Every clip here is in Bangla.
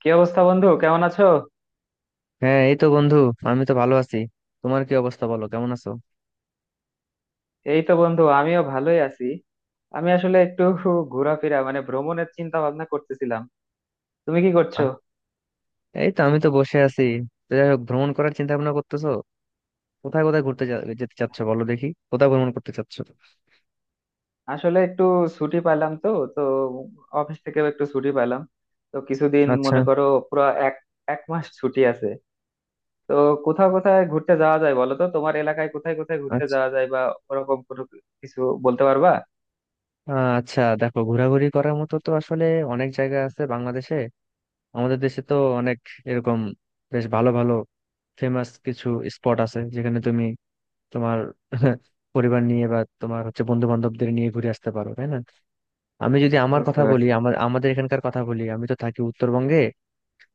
কি অবস্থা, বন্ধু? কেমন আছো? হ্যাঁ, এই তো বন্ধু। আমি তো ভালো আছি। তোমার কি অবস্থা, বলো কেমন আছো? এই তো বন্ধু, আমিও ভালোই আছি। আমি আসলে একটু ঘোরাফেরা মানে ভ্রমণের চিন্তা ভাবনা করতেছিলাম। তুমি কি করছো? আ- এই তো আমি তো বসে আছি। তো যাই হোক, ভ্রমণ করার চিন্তা ভাবনা করতেছো? কোথায় কোথায় ঘুরতে যেতে চাচ্ছ, বলো দেখি কোথায় ভ্রমণ করতে চাচ্ছ? আসলে একটু ছুটি পাইলাম তো। তো অফিস থেকে একটু ছুটি পাইলাম। তো কিছুদিন আচ্ছা, মনে করো, পুরো এক এক মাস ছুটি আছে। তো কোথাও কোথায় ঘুরতে যাওয়া যায় বলো তো, তোমার এলাকায় কোথায় কোথায় ঘুরতে আচ্ছা। যাওয়া যায়, বা ওরকম কোনো কিছু বলতে পারবা? আচ্ছা দেখো, ঘোরাঘুরি করার মতো তো আসলে অনেক জায়গা আছে বাংলাদেশে। আমাদের দেশে তো অনেক এরকম বেশ ভালো ভালো ফেমাস কিছু স্পট আছে, যেখানে তুমি তোমার পরিবার নিয়ে বা তোমার হচ্ছে বন্ধু বান্ধবদের নিয়ে ঘুরে আসতে পারো, তাই না? আমি যদি আমার বুঝতে কথা বলি, পারছি। আমাদের এখানকার কথা বলি, আমি তো থাকি উত্তরবঙ্গে।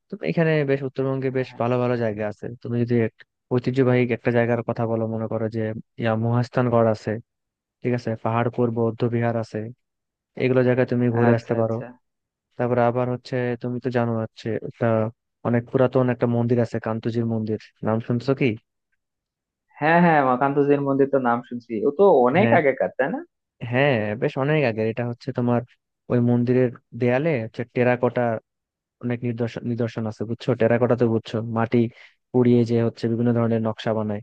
তো এখানে বেশ উত্তরবঙ্গে হ্যাঁ বেশ হ্যাঁ। ভালো ভালো জায়গা আছে। তুমি যদি ঐতিহ্যবাহী একটা জায়গার কথা বলো, মনে করো যে ইয়া মহাস্থানগড় আছে, ঠিক আছে, পাহাড়পুর বৌদ্ধ বিহার আছে। এগুলো জায়গায় তুমি ঘুরে আচ্ছা আসতে পারো। আচ্ছা। তারপরে আবার হচ্ছে, তুমি তো জানো হচ্ছে একটা অনেক পুরাতন একটা মন্দির আছে, কান্তজির মন্দির। নাম শুনছো কি? হ্যাঁ হ্যাঁ, মাকান্তজির মন্দির তো নাম শুনছি, ও তো অনেক হ্যাঁ, আগেকার, তাই না? হ্যাঁ। বেশ অনেক আগের এটা হচ্ছে তোমার। ওই মন্দিরের দেয়ালে হচ্ছে টেরাকোটা অনেক নিদর্শন নিদর্শন আছে, বুঝছো? টেরাকোটা তো বুঝছো, মাটি পুড়িয়ে যে হচ্ছে বিভিন্ন ধরনের নকশা বানায়,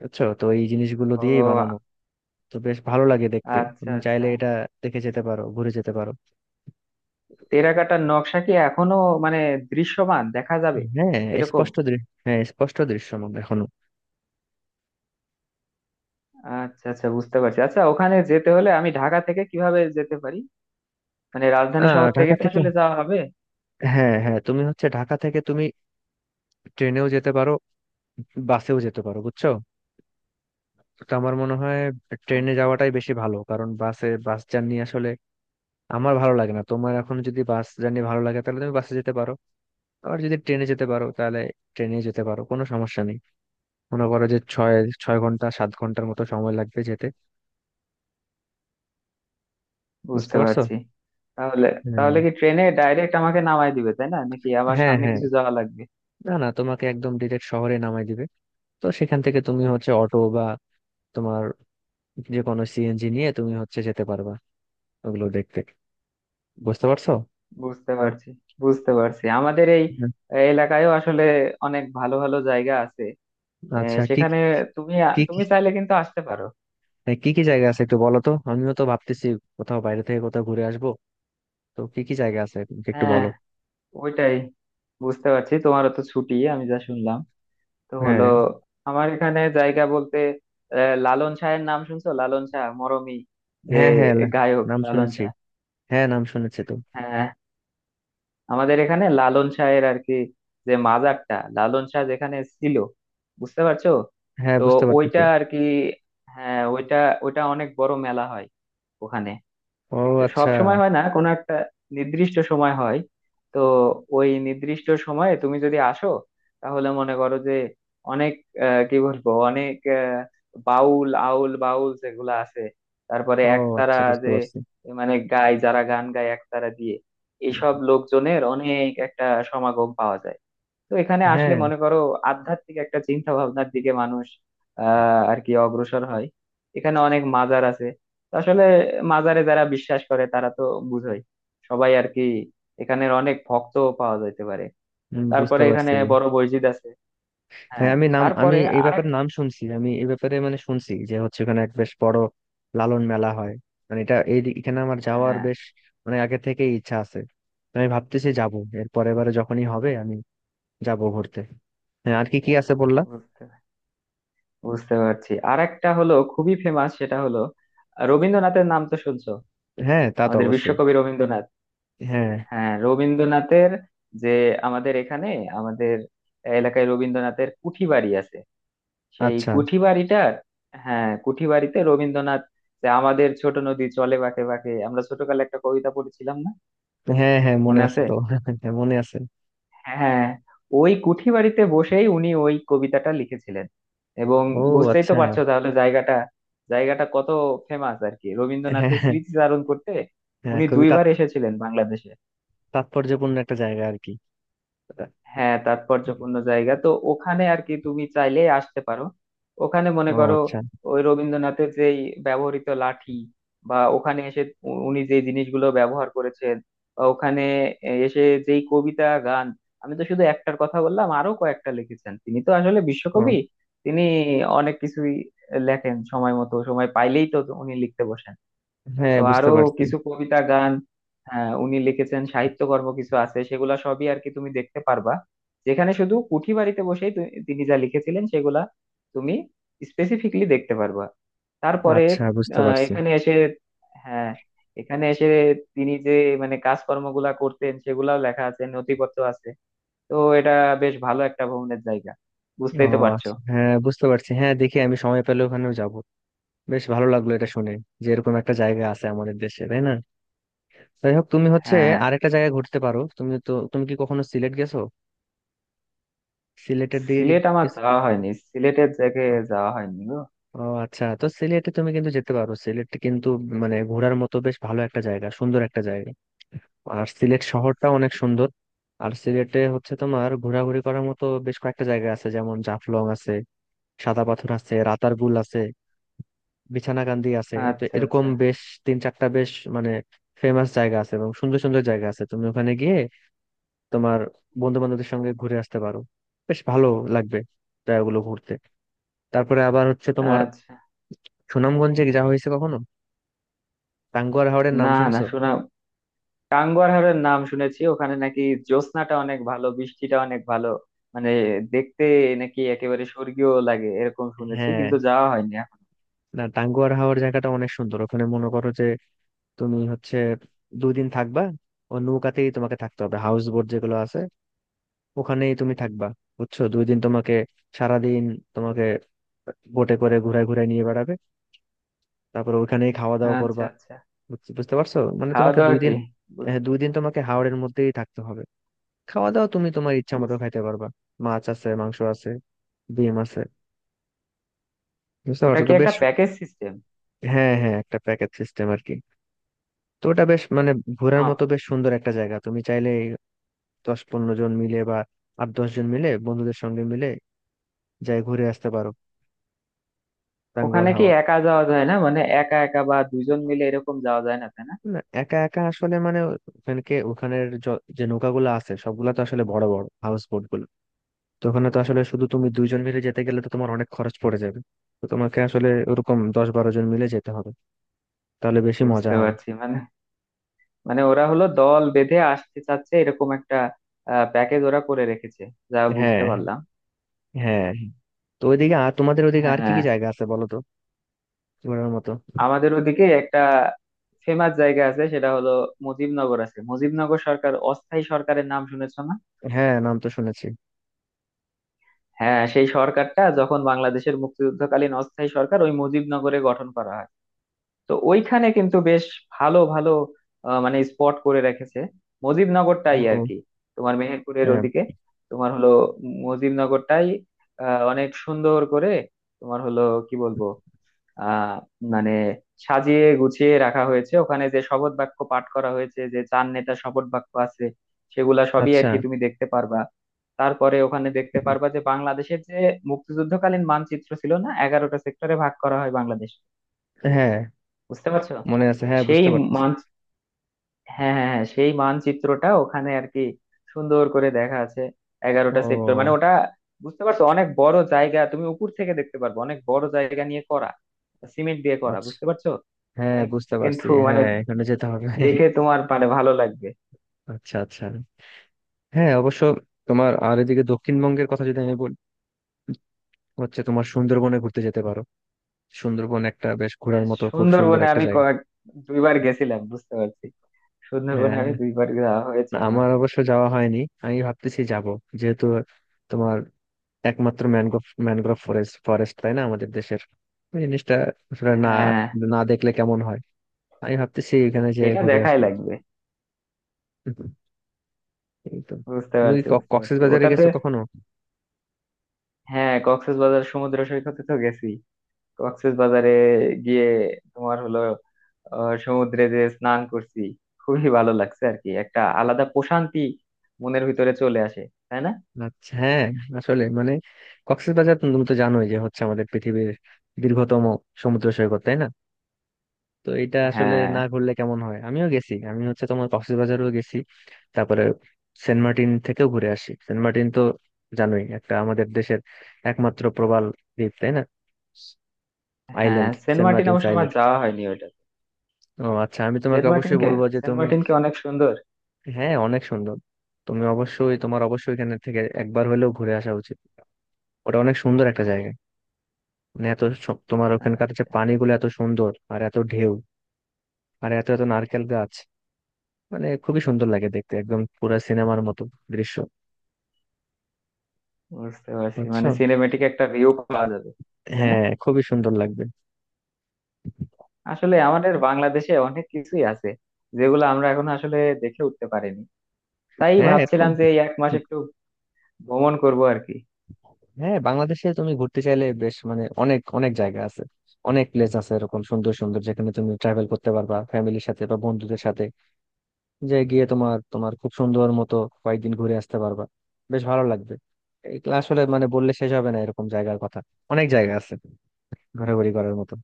বুঝছো? তো এই জিনিসগুলো ও, দিয়েই বানানো। তো বেশ ভালো লাগে দেখতে, আচ্ছা তুমি চাইলে আচ্ছা। এটা দেখে যেতে পারো, ঘুরে যেতে পারো। টেরাকোটার নকশা কি এখনো মানে দৃশ্যমান দেখা যাবে হ্যাঁ এরকম? স্পষ্ট দৃশ্য, হ্যাঁ স্পষ্ট দৃশ্যমান এখনো। আচ্ছা আচ্ছা, বুঝতে পারছি। আচ্ছা, ওখানে যেতে হলে আমি ঢাকা থেকে কিভাবে যেতে পারি? মানে রাজধানী শহর থেকে ঢাকা তো থেকে, আসলে যাওয়া হবে। হ্যাঁ হ্যাঁ, তুমি হচ্ছে ঢাকা থেকে তুমি ট্রেনেও যেতে পারো, বাসেও যেতে পারো, বুঝছো? তো আমার মনে হয় ট্রেনে আচ্ছা যাওয়াটাই আচ্ছা। বেশি ভালো, কারণ বাসে বাস জার্নি আসলে আমার ভালো লাগে না। তোমার এখন যদি বাস জার্নি ভালো লাগে, তাহলে তুমি বাসে যেতে পারো। আবার যদি ট্রেনে যেতে পারো, তাহলে ট্রেনে যেতে পারো, কোনো সমস্যা নেই। মনে করো যে ছয় ছয় ঘন্টা সাত ঘন্টার মতো সময় লাগবে যেতে। বুঝতে বুঝতে পারছো? পারছি। তাহলে, তাহলে কি ট্রেনে ডাইরেক্ট আমাকে নামায় দিবে, তাই না, নাকি আবার হ্যাঁ হ্যাঁ সামনে হ্যাঁ, কিছু যাওয়া লাগবে? না না, তোমাকে একদম ডিরেক্ট শহরে নামাই দিবে। তো সেখান থেকে তুমি হচ্ছে অটো বা তোমার যে কোনো সিএনজি নিয়ে তুমি হচ্ছে যেতে পারবা। ওগুলো দেখতে, বুঝতে পারছো? বুঝতে পারছি। বুঝতে পারছি, আমাদের এই হুম। এলাকায়ও আসলে অনেক ভালো ভালো জায়গা আছে। আচ্ছা কি সেখানে তুমি, কি কি? তুমি চাইলে কিন্তু আসতে পারো। হ্যাঁ, কি কি জায়গা আছে একটু বলো তো, আমিও তো ভাবতেছি কোথাও বাইরে থেকে কোথাও ঘুরে আসবো। তো কি কি জায়গা আছে একটু হ্যাঁ, বলো। ওইটাই। বুঝতে পারছি তোমারও তো ছুটি, আমি যা শুনলাম। তো হলো, হ্যাঁ আমার এখানে জায়গা বলতে, লালন শাহের নাম শুনছো? লালন শাহ মরমী যে হ্যাঁ হ্যাঁ গায়ক, নাম লালন শুনেছি। শাহ। হ্যাঁ, নাম শুনেছি তো। হ্যাঁ, আমাদের এখানে লালন শাহের আর কি, যে মাজারটা, লালন শাহ যেখানে ছিল, বুঝতে পারছো? হ্যাঁ, তো বুঝতে পারতেছি। ওইটা আর কি। হ্যাঁ, ওইটা, ওইটা অনেক বড় মেলা হয় ওখানে। ও তো সব আচ্ছা। সময় হয় না, কোনো একটা নির্দিষ্ট সময় হয়। তো ওই নির্দিষ্ট সময়ে তুমি যদি আসো, তাহলে মনে করো যে অনেক, কি বলবো, অনেক বাউল আউল বাউল যেগুলো আছে, তারপরে ও একতারা আচ্ছা, বুঝতে যে, পারছি। মানে গায় যারা, গান গায় একতারা দিয়ে, এইসব লোকজনের অনেক একটা সমাগম পাওয়া যায়। তো এখানে আসলে হ্যাঁ। মনে করো, আধ্যাত্মিক একটা চিন্তা ভাবনার দিকে মানুষ আর কি অগ্রসর হয়। এখানে অনেক মাজার আছে। তো আসলে মাজারে যারা বিশ্বাস করে তারা তো বুঝোই, সবাই আর কি এখানের অনেক ভক্ত পাওয়া যাইতে পারে। হুম, বুঝতে তারপরে এখানে পারছি। বড় মসজিদ আছে। হ্যাঁ, হ্যাঁ, আমি নাম আমি তারপরে এই আরেক। ব্যাপারে নাম শুনছি, আমি এই ব্যাপারে মানে শুনছি যে হচ্ছে ওখানে এক বেশ বড় লালন মেলা হয়। মানে এটা এই এখানে আমার যাওয়ার হ্যাঁ, বেশ মানে আগে থেকেই ইচ্ছা আছে। তো আমি ভাবতেছি যাব এর পরের বারে যখনই হবে, আমি যাব ঘুরতে। হ্যাঁ, আর কি কি আছে বললা? বুঝতে বুঝতে পারছি আরেকটা হলো খুবই ফেমাস, সেটা হলো, রবীন্দ্রনাথের নাম তো শুনছো? হ্যাঁ, তা তো আমাদের অবশ্যই। বিশ্বকবি রবীন্দ্রনাথ। হ্যাঁ। হ্যাঁ, রবীন্দ্রনাথের যে, আমাদের এখানে, আমাদের এলাকায় রবীন্দ্রনাথের কুঠি বাড়ি আছে। সেই আচ্ছা। কুঠি বাড়িটার, হ্যাঁ কুঠি বাড়িতে রবীন্দ্রনাথ, যে আমাদের ছোট নদী চলে বাঁকে বাঁকে, আমরা ছোটকালে একটা কবিতা পড়েছিলাম না, হ্যাঁ হ্যাঁ, মনে মনে আছে আছে? তো। হ্যাঁ, মনে আছে। হ্যাঁ, ওই কুঠি বাড়িতে বসেই উনি ওই কবিতাটা লিখেছিলেন। এবং ও বুঝতেই তো আচ্ছা। পারছো তাহলে জায়গাটা, জায়গাটা কত ফেমাস আর কি, হ্যাঁ রবীন্দ্রনাথের হ্যাঁ। স্মৃতিচারণ করতে। হ্যাঁ, উনি খুবই 2বার এসেছিলেন বাংলাদেশে। তাৎপর্যপূর্ণ একটা জায়গা আর কি এটা। হ্যাঁ তাৎপর্যপূর্ণ জায়গা তো ওখানে আর কি, তুমি চাইলে আসতে পারো। ওখানে মনে ও করো, আচ্ছা। ওই রবীন্দ্রনাথের যেই ব্যবহৃত লাঠি বা ওখানে এসে উনি যে জিনিসগুলো ব্যবহার করেছেন, বা ওখানে এসে যেই কবিতা গান, আমি তো শুধু একটার কথা বললাম, আরো কয়েকটা লিখেছেন, তিনি তো আসলে ও। বিশ্বকবি। তিনি অনেক কিছুই লেখেন, সময় মতো, সময় পাইলেই তো উনি লিখতে বসেন। হ্যাঁ, তো আরো বুঝতে পারছি। কিছু কবিতা গান, হ্যাঁ উনি লিখেছেন, সাহিত্যকর্ম কিছু আছে, সেগুলা সবই আর কি তুমি দেখতে পারবা। যেখানে শুধু কুঠি বাড়িতে বসেই তিনি যা লিখেছিলেন, সেগুলা তুমি স্পেসিফিকলি দেখতে পারবা। তারপরে, আচ্ছা, বুঝতে পারছি। এখানে এসে, হ্যাঁ, এখানে এসে তিনি যে মানে কাজকর্মগুলা করতেন, সেগুলাও লেখা আছে, নথিপত্র আছে। তো এটা বেশ ভালো একটা ভ্রমণের জায়গা, ও বুঝতেই তো পারছো। আচ্ছা, হ্যাঁ বুঝতে পারছি। হ্যাঁ, দেখি আমি সময় পেলে ওখানেও যাব। বেশ ভালো লাগলো এটা শুনে যে এরকম একটা জায়গা আছে আমাদের দেশে, তাই না? যাই হোক, তুমি হচ্ছে হ্যাঁ। আরেকটা জায়গায় ঘুরতে পারো। তুমি তো, তুমি কি কখনো সিলেট গেছো? সিলেটের দিকে সিলেট কি আমার কি- যাওয়া হয়নি, সিলেটের জায়গায় যাওয়া হয়নি গো। ও আচ্ছা। তো সিলেটে তুমি কিন্তু যেতে পারো। সিলেটে কিন্তু মানে ঘোরার মতো বেশ ভালো একটা জায়গা, সুন্দর একটা জায়গা। আর সিলেট শহরটা অনেক সুন্দর। আর সিলেটে হচ্ছে তোমার ঘোরাঘুরি করার মতো বেশ কয়েকটা জায়গা আছে, যেমন জাফলং আছে, সাদা পাথর আছে, রাতারগুল আছে, বিছানাকান্দি আছে। তো আচ্ছা এরকম আচ্ছা বেশ তিন চারটা বেশ মানে ফেমাস জায়গা আছে এবং সুন্দর সুন্দর জায়গা আছে। তুমি ওখানে গিয়ে তোমার বন্ধু বান্ধবদের সঙ্গে ঘুরে আসতে পারো, বেশ ভালো লাগবে জায়গাগুলো ঘুরতে। তারপরে আবার হচ্ছে তোমার আচ্ছা। সুনামগঞ্জে যা হয়েছে কখনো? টাঙ্গুয়ার হাওরের নাম না, না শুনছো? শোনা, টাঙ্গুয়ার হাড়ের নাম শুনেছি, ওখানে নাকি জ্যোৎস্নাটা অনেক ভালো, বৃষ্টিটা অনেক ভালো, মানে দেখতে নাকি একেবারে স্বর্গীয় লাগে, এরকম শুনেছি, হ্যাঁ, কিন্তু যাওয়া হয়নি এখন। না, টাঙ্গুয়ার হাওর জায়গাটা অনেক সুন্দর। ওখানে মনে করো যে তুমি হচ্ছে দুদিন থাকবা। ও নৌকাতেই তোমাকে থাকতে হবে, হাউস বোট যেগুলো আছে, ওখানেই তুমি থাকবা। বুঝছো? দুই দিন তোমাকে সারাদিন তোমাকে বোটে করে ঘুরায় ঘুরায় নিয়ে বেড়াবে। তারপর ওখানেই খাওয়া দাওয়া আচ্ছা করবা। আচ্ছা। বুঝতে পারছো, মানে খাওয়া তোমাকে দাওয়া দুই দিন, কি? বু- হ্যাঁ, দুই দিন তোমাকে হাওড়ের মধ্যেই থাকতে হবে। খাওয়া দাওয়া তুমি তোমার ইচ্ছা মতো বুঝ- খাইতে পারবা। মাছ আছে, মাংস আছে, ডিম আছে। বুঝতে ওটা পারছো কি তো? একটা বেশ, প্যাকেজ সিস্টেম? হ্যাঁ হ্যাঁ, একটা প্যাকেজ সিস্টেম আর কি। তো ওটা বেশ মানে ঘোরার মতো বেশ সুন্দর একটা জায়গা। তুমি চাইলে দশ পনেরো জন মিলে বা আট দশ জন মিলে বন্ধুদের সঙ্গে মিলে যাই ঘুরে আসতে পারো টাঙ্গুয়ার ওখানে কি হাওর। একা যাওয়া যায় না, মানে একা একা বা দুজন মিলে এরকম, যাওয়া যায় না তাই না? না, একা একা আসলে মানে ওখানে যে নৌকাগুলো আছে সবগুলা তো আসলে বড় বড় হাউস বোট গুলো। তো ওখানে তো আসলে শুধু তুমি দুইজন মিলে যেতে গেলে তো তোমার অনেক খরচ পড়ে যাবে। তো তোমাকে আসলে ওরকম দশ বারো জন মিলে যেতে হবে, তাহলে বেশি মজা বুঝতে হয়। পারছি, মানে মানে ওরা হলো দল বেঁধে আসতে চাচ্ছে এরকম একটা প্যাকেজ ওরা করে রেখেছে, যা হ্যাঁ বুঝতে পারলাম। হ্যাঁ। তো ওইদিকে আর তোমাদের ওইদিকে আর কি হ্যাঁ, কি জায়গা আছে বলো তো ঘোরার মতো? আমাদের ওদিকে একটা ফেমাস জায়গা আছে, সেটা হলো মুজিবনগর আছে, মুজিবনগর সরকার, অস্থায়ী সরকারের নাম শুনেছো না? হ্যাঁ, নাম তো শুনেছি। হ্যাঁ সেই সরকারটা যখন বাংলাদেশের মুক্তিযুদ্ধকালীন অস্থায়ী সরকার ওই মুজিবনগরে গঠন করা হয়। তো ওইখানে কিন্তু বেশ ভালো ভালো মানে স্পট করে রেখেছে, মুজিবনগরটাই আর ও, কি, তোমার মেহেরপুরের হ্যাঁ। ওদিকে। তোমার হলো মুজিবনগরটাই অনেক সুন্দর করে, তোমার হলো, কি বলবো, আহ মানে সাজিয়ে গুছিয়ে রাখা হয়েছে। ওখানে যে শপথ বাক্য পাঠ করা হয়েছে, যে চার নেতা শপথ বাক্য আছে, সেগুলা সবই আর আচ্ছা, কি তুমি দেখতে পারবা। তারপরে ওখানে দেখতে পারবা যে, বাংলাদেশের যে মুক্তিযুদ্ধকালীন মানচিত্র ছিল না, 11টা সেক্টরে ভাগ করা হয় বাংলাদেশ, হ্যাঁ বুঝতে পারছো? মনে আছে, হ্যাঁ সেই, বুঝতে পারছি। হ্যাঁ হ্যাঁ হ্যাঁ, সেই মানচিত্রটা ওখানে আর কি সুন্দর করে দেখা আছে, ও 11টা সেক্টর মানে, ওটা বুঝতে পারছো অনেক বড় জায়গা, তুমি উপর থেকে দেখতে পারবে, অনেক বড় জায়গা নিয়ে করা, সিমেন্ট দিয়ে করা, আচ্ছা, বুঝতে পারছো? হ্যাঁ মানে বুঝতে পারছি। কিন্তু মানে হ্যাঁ, এখানে যেতে হবে। দেখে তোমার মানে ভালো লাগবে। আচ্ছা, আচ্ছা, হ্যাঁ অবশ্য। তোমার আর এদিকে দক্ষিণবঙ্গের কথা যদি আমি বলি, হচ্ছে তোমার সুন্দরবনে ঘুরতে যেতে পারো। সুন্দরবন একটা বেশ ঘোরার হ্যাঁ মতো খুব সুন্দর সুন্দরবনে একটা আমি জায়গা। 2বার গেছিলাম, বুঝতে পারছি, সুন্দরবনে হ্যাঁ, আমি 2বার যাওয়া হয়েছে না, আমার। আমার অবশ্য যাওয়া হয়নি, আমি ভাবতেছি যাব। যেহেতু তোমার একমাত্র ম্যানগ্রোভ ম্যানগ্রোভ ফরেস্ট ফরেস্ট তাই না আমাদের দেশের, এই জিনিসটা আসলে না, হ্যাঁ না দেখলে কেমন হয়? আমি ভাবতেছি এখানে যে এটা ঘুরে দেখাই আসবো। লাগবে। এই তো। বুঝতে তুমি কি পারছি, বুঝতে পারছি কক্সবাজারে ওটাতে। গেছো কখনো? হ্যাঁ কক্সবাজার সমুদ্র সৈকতে তো গেছি। কক্সবাজারে গিয়ে তোমার হলো, সমুদ্রে যে স্নান করছি, খুবই ভালো লাগছে আর কি, একটা আলাদা প্রশান্তি মনের ভিতরে চলে আসে, তাই না? আচ্ছা, হ্যাঁ। আসলে মানে কক্সবাজার তো, তুমি তো জানোই যে হচ্ছে আমাদের পৃথিবীর দীর্ঘতম সমুদ্র সৈকত, তাই না? তো এটা আসলে হ্যাঁ না ঘুরলে কেমন হয়? আমিও গেছি, আমি হচ্ছে তোমার কক্সবাজারও গেছি। তারপরে সেন্ট মার্টিন থেকেও ঘুরে আসি। সেন্ট মার্টিন তো জানোই একটা আমাদের দেশের একমাত্র প্রবাল দ্বীপ, তাই না? হ্যাঁ। Island, Saint Saint Martin Martin's অবশ্য আমার আইল্যান্ড। যাওয়া হয়নি ওটা। ও আচ্ছা, আমি তোমাকে সেন্ট মার্টিন অবশ্যই কে, বলবো যে সেন্ট তুমি, মার্টিন কে অনেক সুন্দর। হ্যাঁ অনেক সুন্দর। তুমি অবশ্যই, তোমার অবশ্যই এখানে থেকে একবার হলেও ঘুরে আসা উচিত। ওটা অনেক সুন্দর একটা জায়গা। মানে এত সব তোমার ওখানকার যে আচ্ছা, পানিগুলো এত সুন্দর আর এত ঢেউ, আর এত এত নারকেল গাছ। মানে খুবই সুন্দর লাগে দেখতে, একদম পুরো সিনেমার মতো দৃশ্য। বুঝতে পারছি বুঝছো? মানে সিনেমেটিক একটা ভিউ পাওয়া যাবে, তাই না? হ্যাঁ, খুবই সুন্দর লাগবে। আসলে আমাদের বাংলাদেশে অনেক কিছুই আছে, যেগুলো আমরা এখন আসলে দেখে উঠতে পারিনি, তাই হ্যাঁ এরকম, ভাবছিলাম যে এই এক মাস একটু ভ্রমণ করবো আর কি। হ্যাঁ বাংলাদেশে তুমি ঘুরতে চাইলে বেশ মানে অনেক অনেক জায়গা আছে, অনেক প্লেস আছে এরকম সুন্দর সুন্দর, যেখানে তুমি ট্রাভেল করতে পারবা ফ্যামিলির সাথে বা বন্ধুদের সাথে, যে গিয়ে তোমার তোমার খুব সুন্দর মতো কয়েকদিন ঘুরে আসতে পারবা। বেশ ভালো লাগবে। এগুলো আসলে মানে বললে শেষ হবে না এরকম জায়গার কথা। অনেক জায়গা আছে ঘোরাঘুরি করার মতো।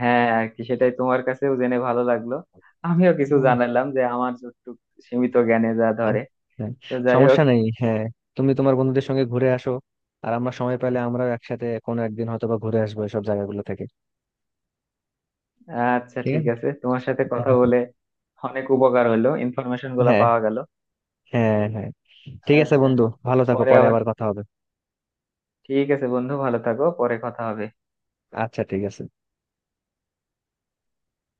হ্যাঁ আর কি, সেটাই তোমার কাছেও জেনে ভালো লাগলো, আমিও কিছু হুম। জানালাম যে আমার যতটুকু সীমিত জ্ঞানে যা হ্যাঁ, ধরে। হ্যাঁ, তো যাই হোক, সমস্যা নেই। হ্যাঁ, তুমি তোমার বন্ধুদের সঙ্গে ঘুরে আসো, আর আমরা সময় পেলে আমরাও একসাথে কোনো একদিন হয়তো বা ঘুরে আসবো এসব জায়গাগুলো থেকে। আচ্ছা ঠিক ঠিক আছে। আছে, তোমার সাথে কথা বলে অনেক উপকার হলো, ইনফরমেশন গুলা হ্যাঁ পাওয়া গেল। হ্যাঁ হ্যাঁ, ঠিক আছে আচ্ছা। বন্ধু, ভালো থাকো, পরে পরে আবার, আবার কথা হবে। ঠিক আছে বন্ধু, ভালো থাকো, পরে কথা হবে। আচ্ছা, ঠিক আছে।